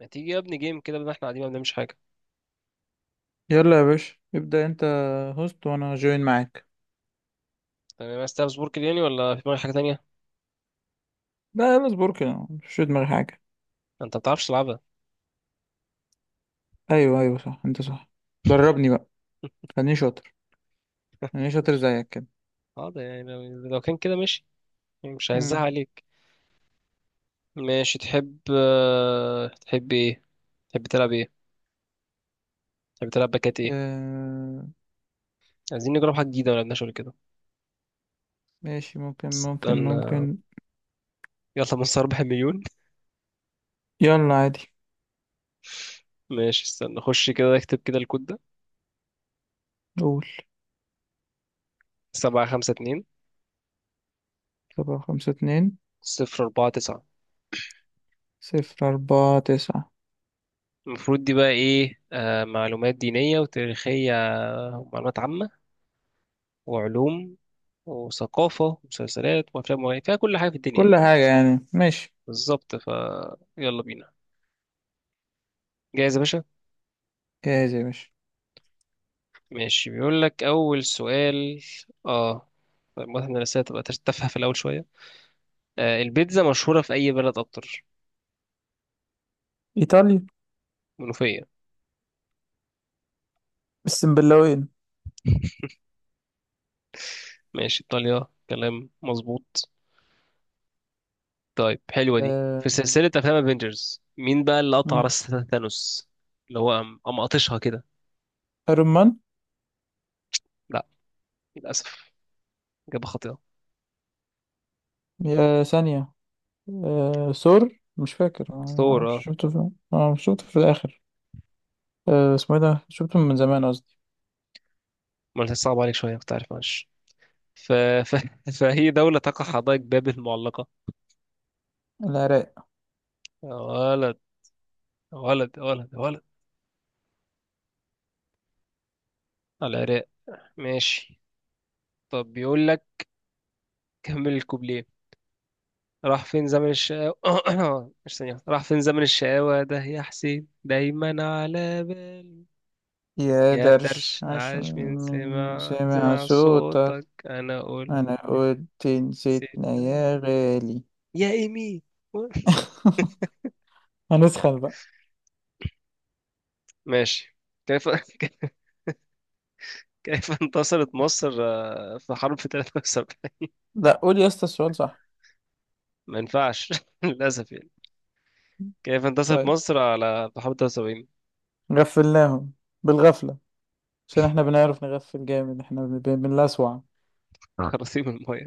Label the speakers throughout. Speaker 1: ما تيجي يا ابني جيم كده؟ بدل ما احنا قاعدين ما بنعملش حاجه.
Speaker 2: يلا يا باشا ابدأ انت. هوست وانا جوين معاك.
Speaker 1: تمام، عايز تلعب سبورك يعني ولا في دماغك حاجه تانية؟
Speaker 2: لا، يلا اصبر كده، مش في دماغي حاجة.
Speaker 1: انت ما بتعرفش تلعبها.
Speaker 2: ايوه ايوه صح، انت صح. دربني بقى. خليني شاطر. خليني شاطر
Speaker 1: ماشي،
Speaker 2: زيك كده.
Speaker 1: حاضر يعني لو كان كده ماشي. مش عايزها
Speaker 2: امم.
Speaker 1: عليك. ماشي، تحب تحب ايه؟ تحب تلعب ايه؟ تحب تلعب باكات ايه؟
Speaker 2: آه...
Speaker 1: عايزين نجرب حاجه جديده ما لعبناش قبل كده.
Speaker 2: ماشي. ممكن ممكن
Speaker 1: استنى،
Speaker 2: ممكن.
Speaker 1: يلا من 4 مليون.
Speaker 2: يلا عادي.
Speaker 1: ماشي، استنى خش كده اكتب كده الكود ده:
Speaker 2: قول.
Speaker 1: سبعة خمسة اتنين
Speaker 2: 7 5 2.
Speaker 1: صفر أربعة تسعة
Speaker 2: 0 4 9.
Speaker 1: المفروض دي بقى ايه؟ معلومات دينية وتاريخية، ومعلومات عامة، وعلوم، وثقافة، ومسلسلات، وأفلام، وغيرها، فيها كل حاجة في الدنيا يعني.
Speaker 2: كل حاجة يعني، ماشي.
Speaker 1: بالظبط ف، يلا بينا. جاهز يا باشا؟
Speaker 2: جاهز يا باشا.
Speaker 1: ماشي، بيقول لك أول سؤال. اه، طيب واضح إن الأسئلة تبقى تافهة في الأول شوية. آه، البيتزا مشهورة في أي بلد أكتر؟
Speaker 2: إيطاليا.
Speaker 1: منوفية.
Speaker 2: السنبلاوين.
Speaker 1: ماشي، إيطاليا كلام مظبوط. طيب، حلوة دي، في
Speaker 2: آه...
Speaker 1: سلسلة أفلام افنجرز مين بقى اللي قطع
Speaker 2: مم.
Speaker 1: راس ثانوس؟ اللي هو قام قاطشها كده.
Speaker 2: أيرون مان.
Speaker 1: لا، للأسف، إجابة خاطئة.
Speaker 2: يا ثانية. آه ثور، مش فاكر، ما
Speaker 1: ثور،
Speaker 2: اعرفش
Speaker 1: اه.
Speaker 2: شفته في شفته في الاخر. آه اسمه ايه ده، شفته من زمان قصدي.
Speaker 1: ما أنا صعب عليك شوية، كنت عارف، معلش. ف... ف... فهي دولة تقع حدائق بابل المعلقة.
Speaker 2: العراق.
Speaker 1: ولد ولد ولد ولد، على العراق. ماشي. طب بيقول لك كمل الكوبليه: راح فين زمن الشقاوة مش ثانية واحدة. راح فين زمن الشقاوة ده يا حسين، دايما على بالي.
Speaker 2: يا
Speaker 1: يا
Speaker 2: درش
Speaker 1: درش،
Speaker 2: عشان
Speaker 1: عاش، من
Speaker 2: من
Speaker 1: سمع
Speaker 2: سمع
Speaker 1: سمع
Speaker 2: صوتك.
Speaker 1: صوتك أنا قلت
Speaker 2: انا قلت نسيتنا
Speaker 1: نسيتنا،
Speaker 2: يا غالي.
Speaker 1: يا إيمي.
Speaker 2: هنسخن بقى.
Speaker 1: ماشي. كيف كيف انتصرت مصر في حرب في 73؟
Speaker 2: لا قول يا اسطى السؤال صح.
Speaker 1: ما ينفعش، للأسف يعني. كيف انتصرت
Speaker 2: طيب.
Speaker 1: مصر على بحوالي 73؟
Speaker 2: غفلناهم. بالغفلة. عشان احنا بنعرف نغفل جامد. احنا بنلسوع.
Speaker 1: اه. خراطيم المايه.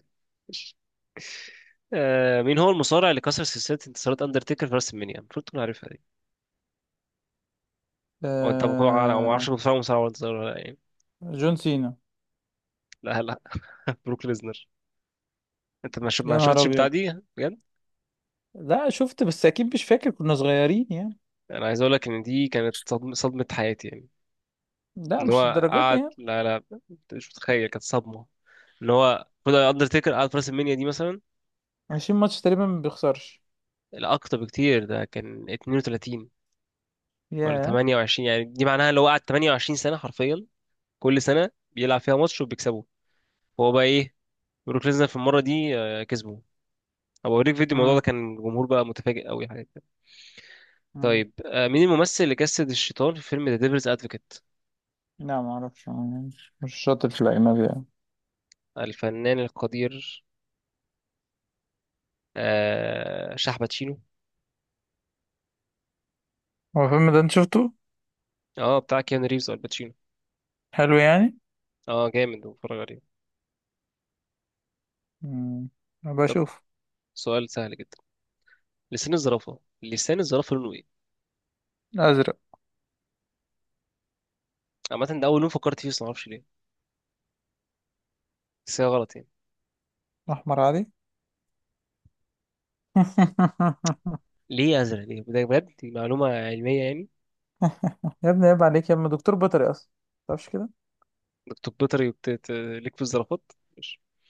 Speaker 1: آه، مين هو المصارع اللي كسر سلسلة انتصارات أندرتيكر في راس المنيا؟ المفروض تكون عارفها دي. أو أنت ممكن عارف، أو ما أعرفش،
Speaker 2: آه.
Speaker 1: مصارع ولا انتصار ولا يعني.
Speaker 2: جون سينا.
Speaker 1: لا، لا. بروك ليزنر. أنت ما
Speaker 2: يا نهار
Speaker 1: شفتش البتاع
Speaker 2: ابيض.
Speaker 1: دي بجد؟
Speaker 2: لا شفت، بس اكيد مش فاكر، كنا صغيرين يعني.
Speaker 1: أنا عايز أقول لك إن دي كانت صدمة حياتي يعني.
Speaker 2: لا
Speaker 1: إن
Speaker 2: مش
Speaker 1: هو
Speaker 2: الدرجات دي
Speaker 1: قعد،
Speaker 2: يعني.
Speaker 1: لا لا، أنت مش متخيل، كانت صدمة. إن هو المفروض أندرتيكر قعد في راس المنيا دي مثلا
Speaker 2: 20 ماتش تقريبا ما بيخسرش.
Speaker 1: الأكتر بكتير، ده كان 32 ولا
Speaker 2: ياه.
Speaker 1: 28، يعني دي معناها اللي هو قعد 28 سنة حرفيا، كل سنه بيلعب فيها ماتش وبيكسبه، فهو بقى ايه، بروك ليزنر في المره دي كسبه. هبقى اوريك فيديو الموضوع ده،
Speaker 2: امم.
Speaker 1: كان الجمهور بقى متفاجئ قوي حاجه كده.
Speaker 2: امم.
Speaker 1: طيب مين الممثل اللي جسد الشيطان في فيلم ذا ديفلز ادفوكيت؟
Speaker 2: لا ما اعرفش، مش شاطر في الاجنبي يعني.
Speaker 1: الفنان القدير، شاح باتشينو.
Speaker 2: هو الفيلم ده انت شفته؟
Speaker 1: اه، بتاع كيانو ريفز او الباتشينو.
Speaker 2: حلو يعني.
Speaker 1: اه، جامد، بتفرج عليه.
Speaker 2: امم. ابقى
Speaker 1: طب
Speaker 2: اشوف.
Speaker 1: سؤال سهل جدا، لسان الزرافه لونه ايه؟
Speaker 2: ازرق.
Speaker 1: عامه، ده اول لون فكرت فيه بس معرفش ليه، بس هي غلط يعني.
Speaker 2: احمر عادي.
Speaker 1: ليه ازرق؟ ليه ده بجد؟ دي معلومه علميه يعني.
Speaker 2: يا ابني عيب عليك، يا ابني دكتور بيطري اصلا. متعرفش كده.
Speaker 1: دكتور بيطري ليك في الزرافات.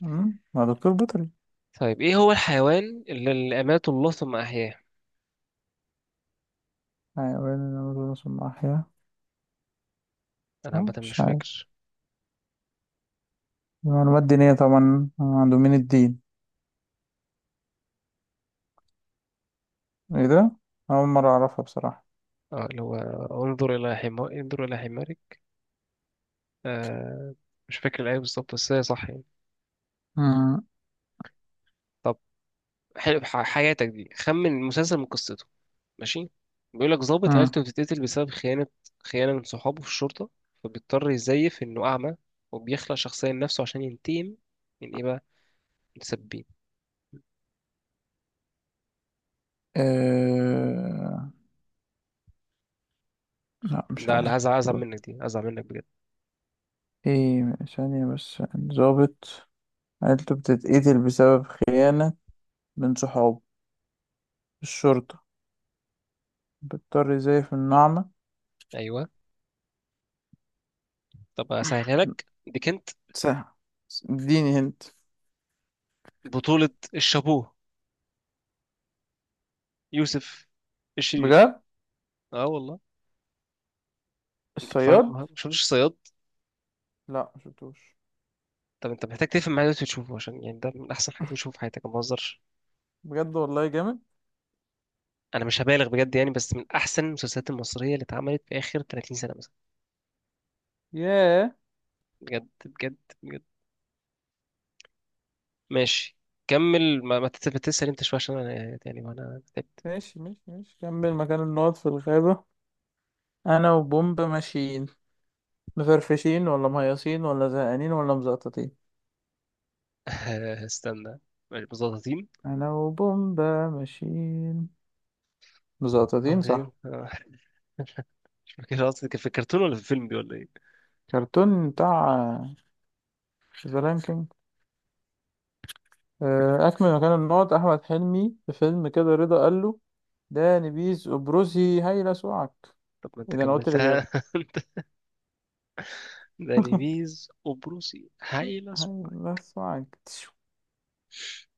Speaker 2: امم. ما دكتور بيطري.
Speaker 1: طيب ايه هو الحيوان اللي اماته الله ثم احياه؟
Speaker 2: حيوان النمور ثم احيا.
Speaker 1: انا عامه
Speaker 2: مش
Speaker 1: مش
Speaker 2: عارف.
Speaker 1: فاكر.
Speaker 2: معلومات دينية طبعا عنده من الدين. ايه ده. اول مرة اعرفها بصراحة.
Speaker 1: اه، اللي هو انظر الى حمار، انظر الى حمارك. آه، مش فاكر الايه بالظبط بس هي صح يعني.
Speaker 2: امم.
Speaker 1: طب حلو، حياتك دي، خمن المسلسل من قصته. ماشي، بيقول لك ضابط
Speaker 2: امم.
Speaker 1: عيلته بتتقتل بسبب خيانه، خيانه من صحابه في الشرطه، فبيضطر يزيف انه اعمى، وبيخلق شخصيه لنفسه عشان ينتقم من ايه بقى؟ متسبين.
Speaker 2: أه... لا مش
Speaker 1: ده على
Speaker 2: عارف.
Speaker 1: هزعل، ازعل منك، دي ازعل منك بجد.
Speaker 2: ايه ثانية بس، ضابط عيلته بتتقتل بسبب خيانة من صحابه الشرطة، بيضطر يزيف النعمة.
Speaker 1: ايوه. طب اسهلها لك دي، كنت
Speaker 2: سهل. اديني هنت.
Speaker 1: بطوله الشابوه يوسف الشريف.
Speaker 2: بجد.
Speaker 1: اه والله. انت فرق
Speaker 2: الصياد.
Speaker 1: ما شفتش صياد؟
Speaker 2: لا مشفتوش.
Speaker 1: طب انت محتاج تفهم معايا دلوقتي وتشوفه، عشان يعني ده من احسن حاجات بتشوفها في حياتك، ما بهزرش.
Speaker 2: بجد والله جامد.
Speaker 1: انا مش هبالغ بجد يعني، بس من احسن المسلسلات المصريه اللي اتعملت في اخر 30 سنه مثلا.
Speaker 2: ياه.
Speaker 1: بجد بجد بجد. ماشي، كمل ما, ما تت- تسأل انت شويه عشان انا يعني وانا تعبت.
Speaker 2: ماشي ماشي ماشي. كمل مكان النقط في الغابة. أنا وبومب ماشيين. مفرفشين ولا مهيصين ولا زهقانين ولا مزقططين.
Speaker 1: استنى. ماشي، مظبطين
Speaker 2: أنا وبومب ماشيين مزقططين
Speaker 1: مظبطين
Speaker 2: صح.
Speaker 1: مش فاكر اصلا كان في الكرتون ولا في الفيلم دي ولا ايه.
Speaker 2: كرتون بتاع شذران. أكمل مكان النقط. أحمد حلمي في فيلم كده رضا قال له: ده نبيذ أبرزي هيلا سوعك.
Speaker 1: طب ما انت
Speaker 2: إذا أنا قلت الإجابة.
Speaker 1: كملتها انت، داني بيز وبروسي هايلة.
Speaker 2: هيلا سوعك تشو.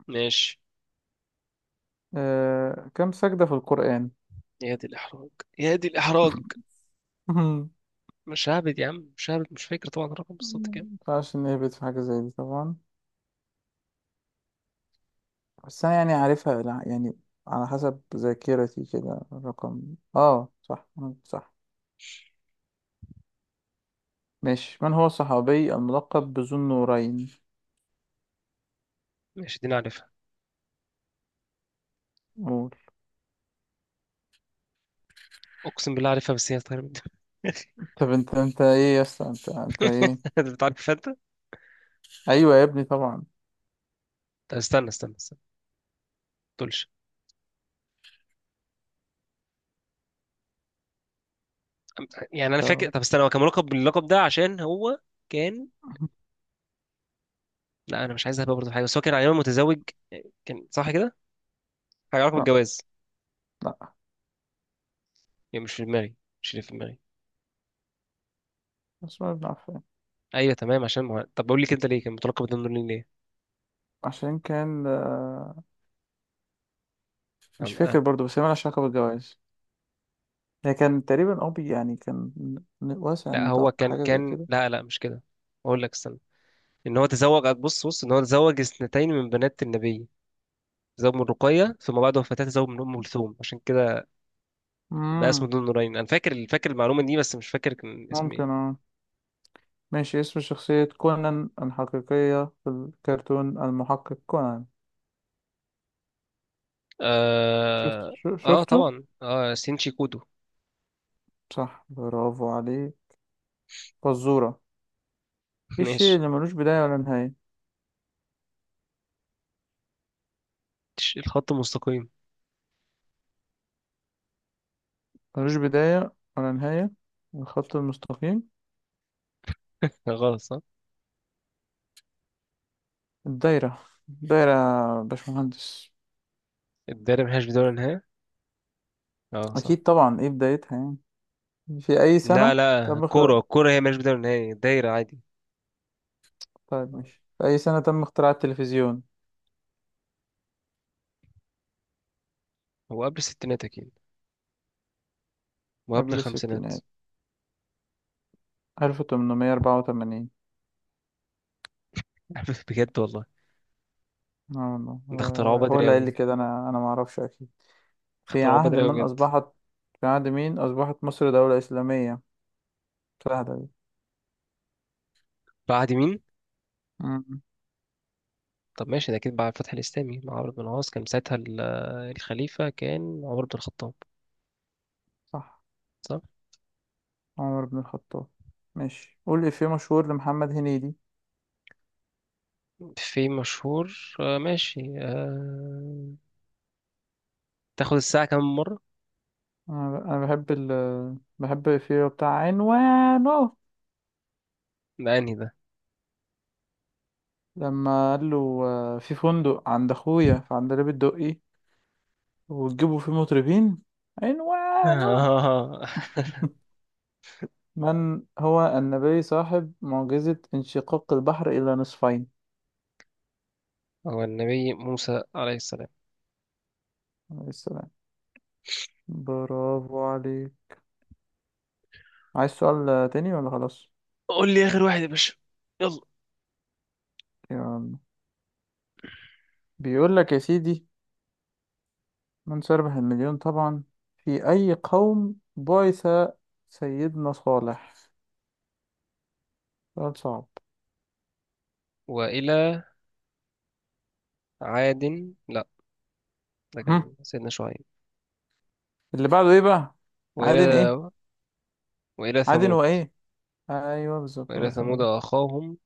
Speaker 1: ماشي.
Speaker 2: كم سجدة في القرآن؟
Speaker 1: يا دي الإحراج، يا دي الإحراج. مش هعبد يا عم، مش هعبد، مش فاكر طبعا الرقم بالظبط كام.
Speaker 2: مينفعش نهبط في حاجة زي دي طبعا. بس أنا يعني عارفها، لا، يعني على حسب ذاكرتي كده الرقم. آه صح. صح. ماشي. من هو الصحابي الملقب بذو النورين؟
Speaker 1: ماشي، دي أنا عارفها.
Speaker 2: قول.
Speaker 1: أقسم بالله عارفها، بس هي طايرة من دماغي.
Speaker 2: طب انت، انت ايه يا اسطى انت ايه؟
Speaker 1: أنت بتعرفها أنت؟
Speaker 2: ايوه يا ابني طبعا.
Speaker 1: طب استنى استنى استنى، ما تقولش. يعني أنا فاكر،
Speaker 2: ف...
Speaker 1: طب استنى، هو كان ملقب باللقب ده عشان هو كان، لا، أنا مش عايز أهبها برضه في حاجة، بس هو كان على متزوج، كان صح كده؟ حاجة علاقة
Speaker 2: لا
Speaker 1: بالجواز.
Speaker 2: لا.
Speaker 1: يعني مش في دماغي، مش اللي في دماغي.
Speaker 2: اسماء بن عفان.
Speaker 1: أيوه تمام، عشان ما... طب بقول لك أنت ليه كان متلقب بالنور ليه؟
Speaker 2: عشان كان، مش
Speaker 1: أنا- أنا-
Speaker 2: فاكر برضو، بس هي مالهاش علاقة بالجواز. هي كان تقريبا أبي يعني كان واسع
Speaker 1: لا هو
Speaker 2: النطاق،
Speaker 1: كان
Speaker 2: حاجة زي
Speaker 1: كان
Speaker 2: كده.
Speaker 1: لا لا مش كده، أقول لك استنى، ان هو تزوج، بص بص ان هو تزوج اثنتين من بنات النبي، تزوج من رقية ثم بعد وفاتها تزوج من ام كلثوم، عشان كده بقى اسمه
Speaker 2: مم.
Speaker 1: ذو النورين، انا فاكر المعلومة دي بس مش فاكر كان اسم ايه.
Speaker 2: ممكن اه. ماشي. اسم شخصية كونان الحقيقية في الكرتون المحقق كونان. شفت
Speaker 1: اه, آه
Speaker 2: شفته؟
Speaker 1: طبعا، اه سينشي كودو.
Speaker 2: صح، برافو عليه. فزورة. ايه الشيء
Speaker 1: ماشي.
Speaker 2: اللي ملوش بداية ولا نهاية؟
Speaker 1: الخط المستقيم،
Speaker 2: ملوش بداية ولا نهاية الخط المستقيم.
Speaker 1: غلط صح.
Speaker 2: الدايرة. دايرة يا باشمهندس.
Speaker 1: الدايرة ملهاش بداية ولا نهاية. اه صح.
Speaker 2: أكيد طبعا، إيه بدايتها يعني. في أي
Speaker 1: لا
Speaker 2: سنة
Speaker 1: لا،
Speaker 2: تم اختراع.
Speaker 1: الكورة هي ملهاش بداية ولا نهاية، دايرة عادي.
Speaker 2: طيب
Speaker 1: آه.
Speaker 2: ماشي، في أي سنة تم اختراع التلفزيون؟
Speaker 1: هو قبل الستينات أكيد، وقبل
Speaker 2: قبل
Speaker 1: الخمسينات.
Speaker 2: الستينات. 1884.
Speaker 1: بجد والله.
Speaker 2: اه والله، هو
Speaker 1: ده
Speaker 2: هو
Speaker 1: اخترعوه
Speaker 2: هو
Speaker 1: بدري
Speaker 2: اللي قال لي
Speaker 1: أوي.
Speaker 2: كده، أنا معرفش أكيد. في
Speaker 1: اخترعوه
Speaker 2: عهد
Speaker 1: بدري أوي
Speaker 2: من
Speaker 1: بجد.
Speaker 2: أصبحت. في عهد مين أصبحت مصر دولة إسلامية؟ سهلة دي.
Speaker 1: بعد مين؟
Speaker 2: مم.
Speaker 1: طب ماشي، ده أكيد بعد الفتح الإسلامي مع عمرو بن العاص، كان ساعتها الخليفة كان عمر بن الخطاب.
Speaker 2: صح.
Speaker 1: صح؟
Speaker 2: عمر بن الخطاب. ماشي. قول إفيه مشهور لمحمد هنيدي.
Speaker 1: في مشهور، ماشي، آه... تاخد الساعة كم مرة؟
Speaker 2: أنا بحب الإفيه بتاع عنوانه.
Speaker 1: ده أنهي ده؟
Speaker 2: لما قال له في فندق عند اخويا في عندليب الدقي، وتجيبوا فيه مطربين عنوانه.
Speaker 1: آه.
Speaker 2: من هو النبي صاحب معجزة انشقاق البحر إلى نصفين.
Speaker 1: هو النبي موسى عليه السلام.
Speaker 2: عليه السلام. برافو عليك. عايز سؤال تاني ولا خلاص؟
Speaker 1: قول لي آخر واحد يا باشا. يلا.
Speaker 2: يعني. بيقول لك يا سيدي، من سيربح المليون طبعا، في أي قوم بعث سيدنا صالح. سؤال صعب.
Speaker 1: وإلى عاد، لا، ده
Speaker 2: هم.
Speaker 1: كان سيدنا شعيب.
Speaker 2: اللي بعده ايه بقى. عادن
Speaker 1: وإلى
Speaker 2: ايه.
Speaker 1: وإلى
Speaker 2: عادن
Speaker 1: ثمود.
Speaker 2: وايه. ايوه بالظبط هو
Speaker 1: وإلى ثمود
Speaker 2: ثمود.
Speaker 1: أخاهم.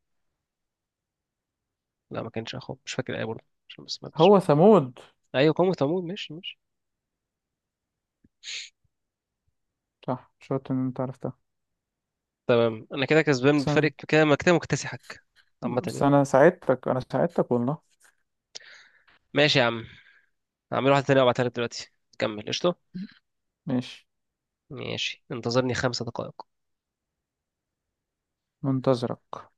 Speaker 1: لا ما كانش أخاهم، مش فاكر الآية برضه عشان بس ما فيش.
Speaker 2: هو ثمود.
Speaker 1: أيوة قوم ثمود، ماشي ماشي.
Speaker 2: صح، شاطر ان انت عرفتها.
Speaker 1: تمام، انا كده كسبان
Speaker 2: بس
Speaker 1: بفرق
Speaker 2: انا.
Speaker 1: كده، ما كده مكتسحك. عامة
Speaker 2: بس
Speaker 1: يعني.
Speaker 2: أنا ساعدتك، انا ساعدتك والله.
Speaker 1: ماشي يا عم، هعمل واحدة تانية وابعتها لك دلوقتي. كمل قشطة.
Speaker 2: ماشي.
Speaker 1: ماشي، انتظرني 5 دقائق.
Speaker 2: منتظرك.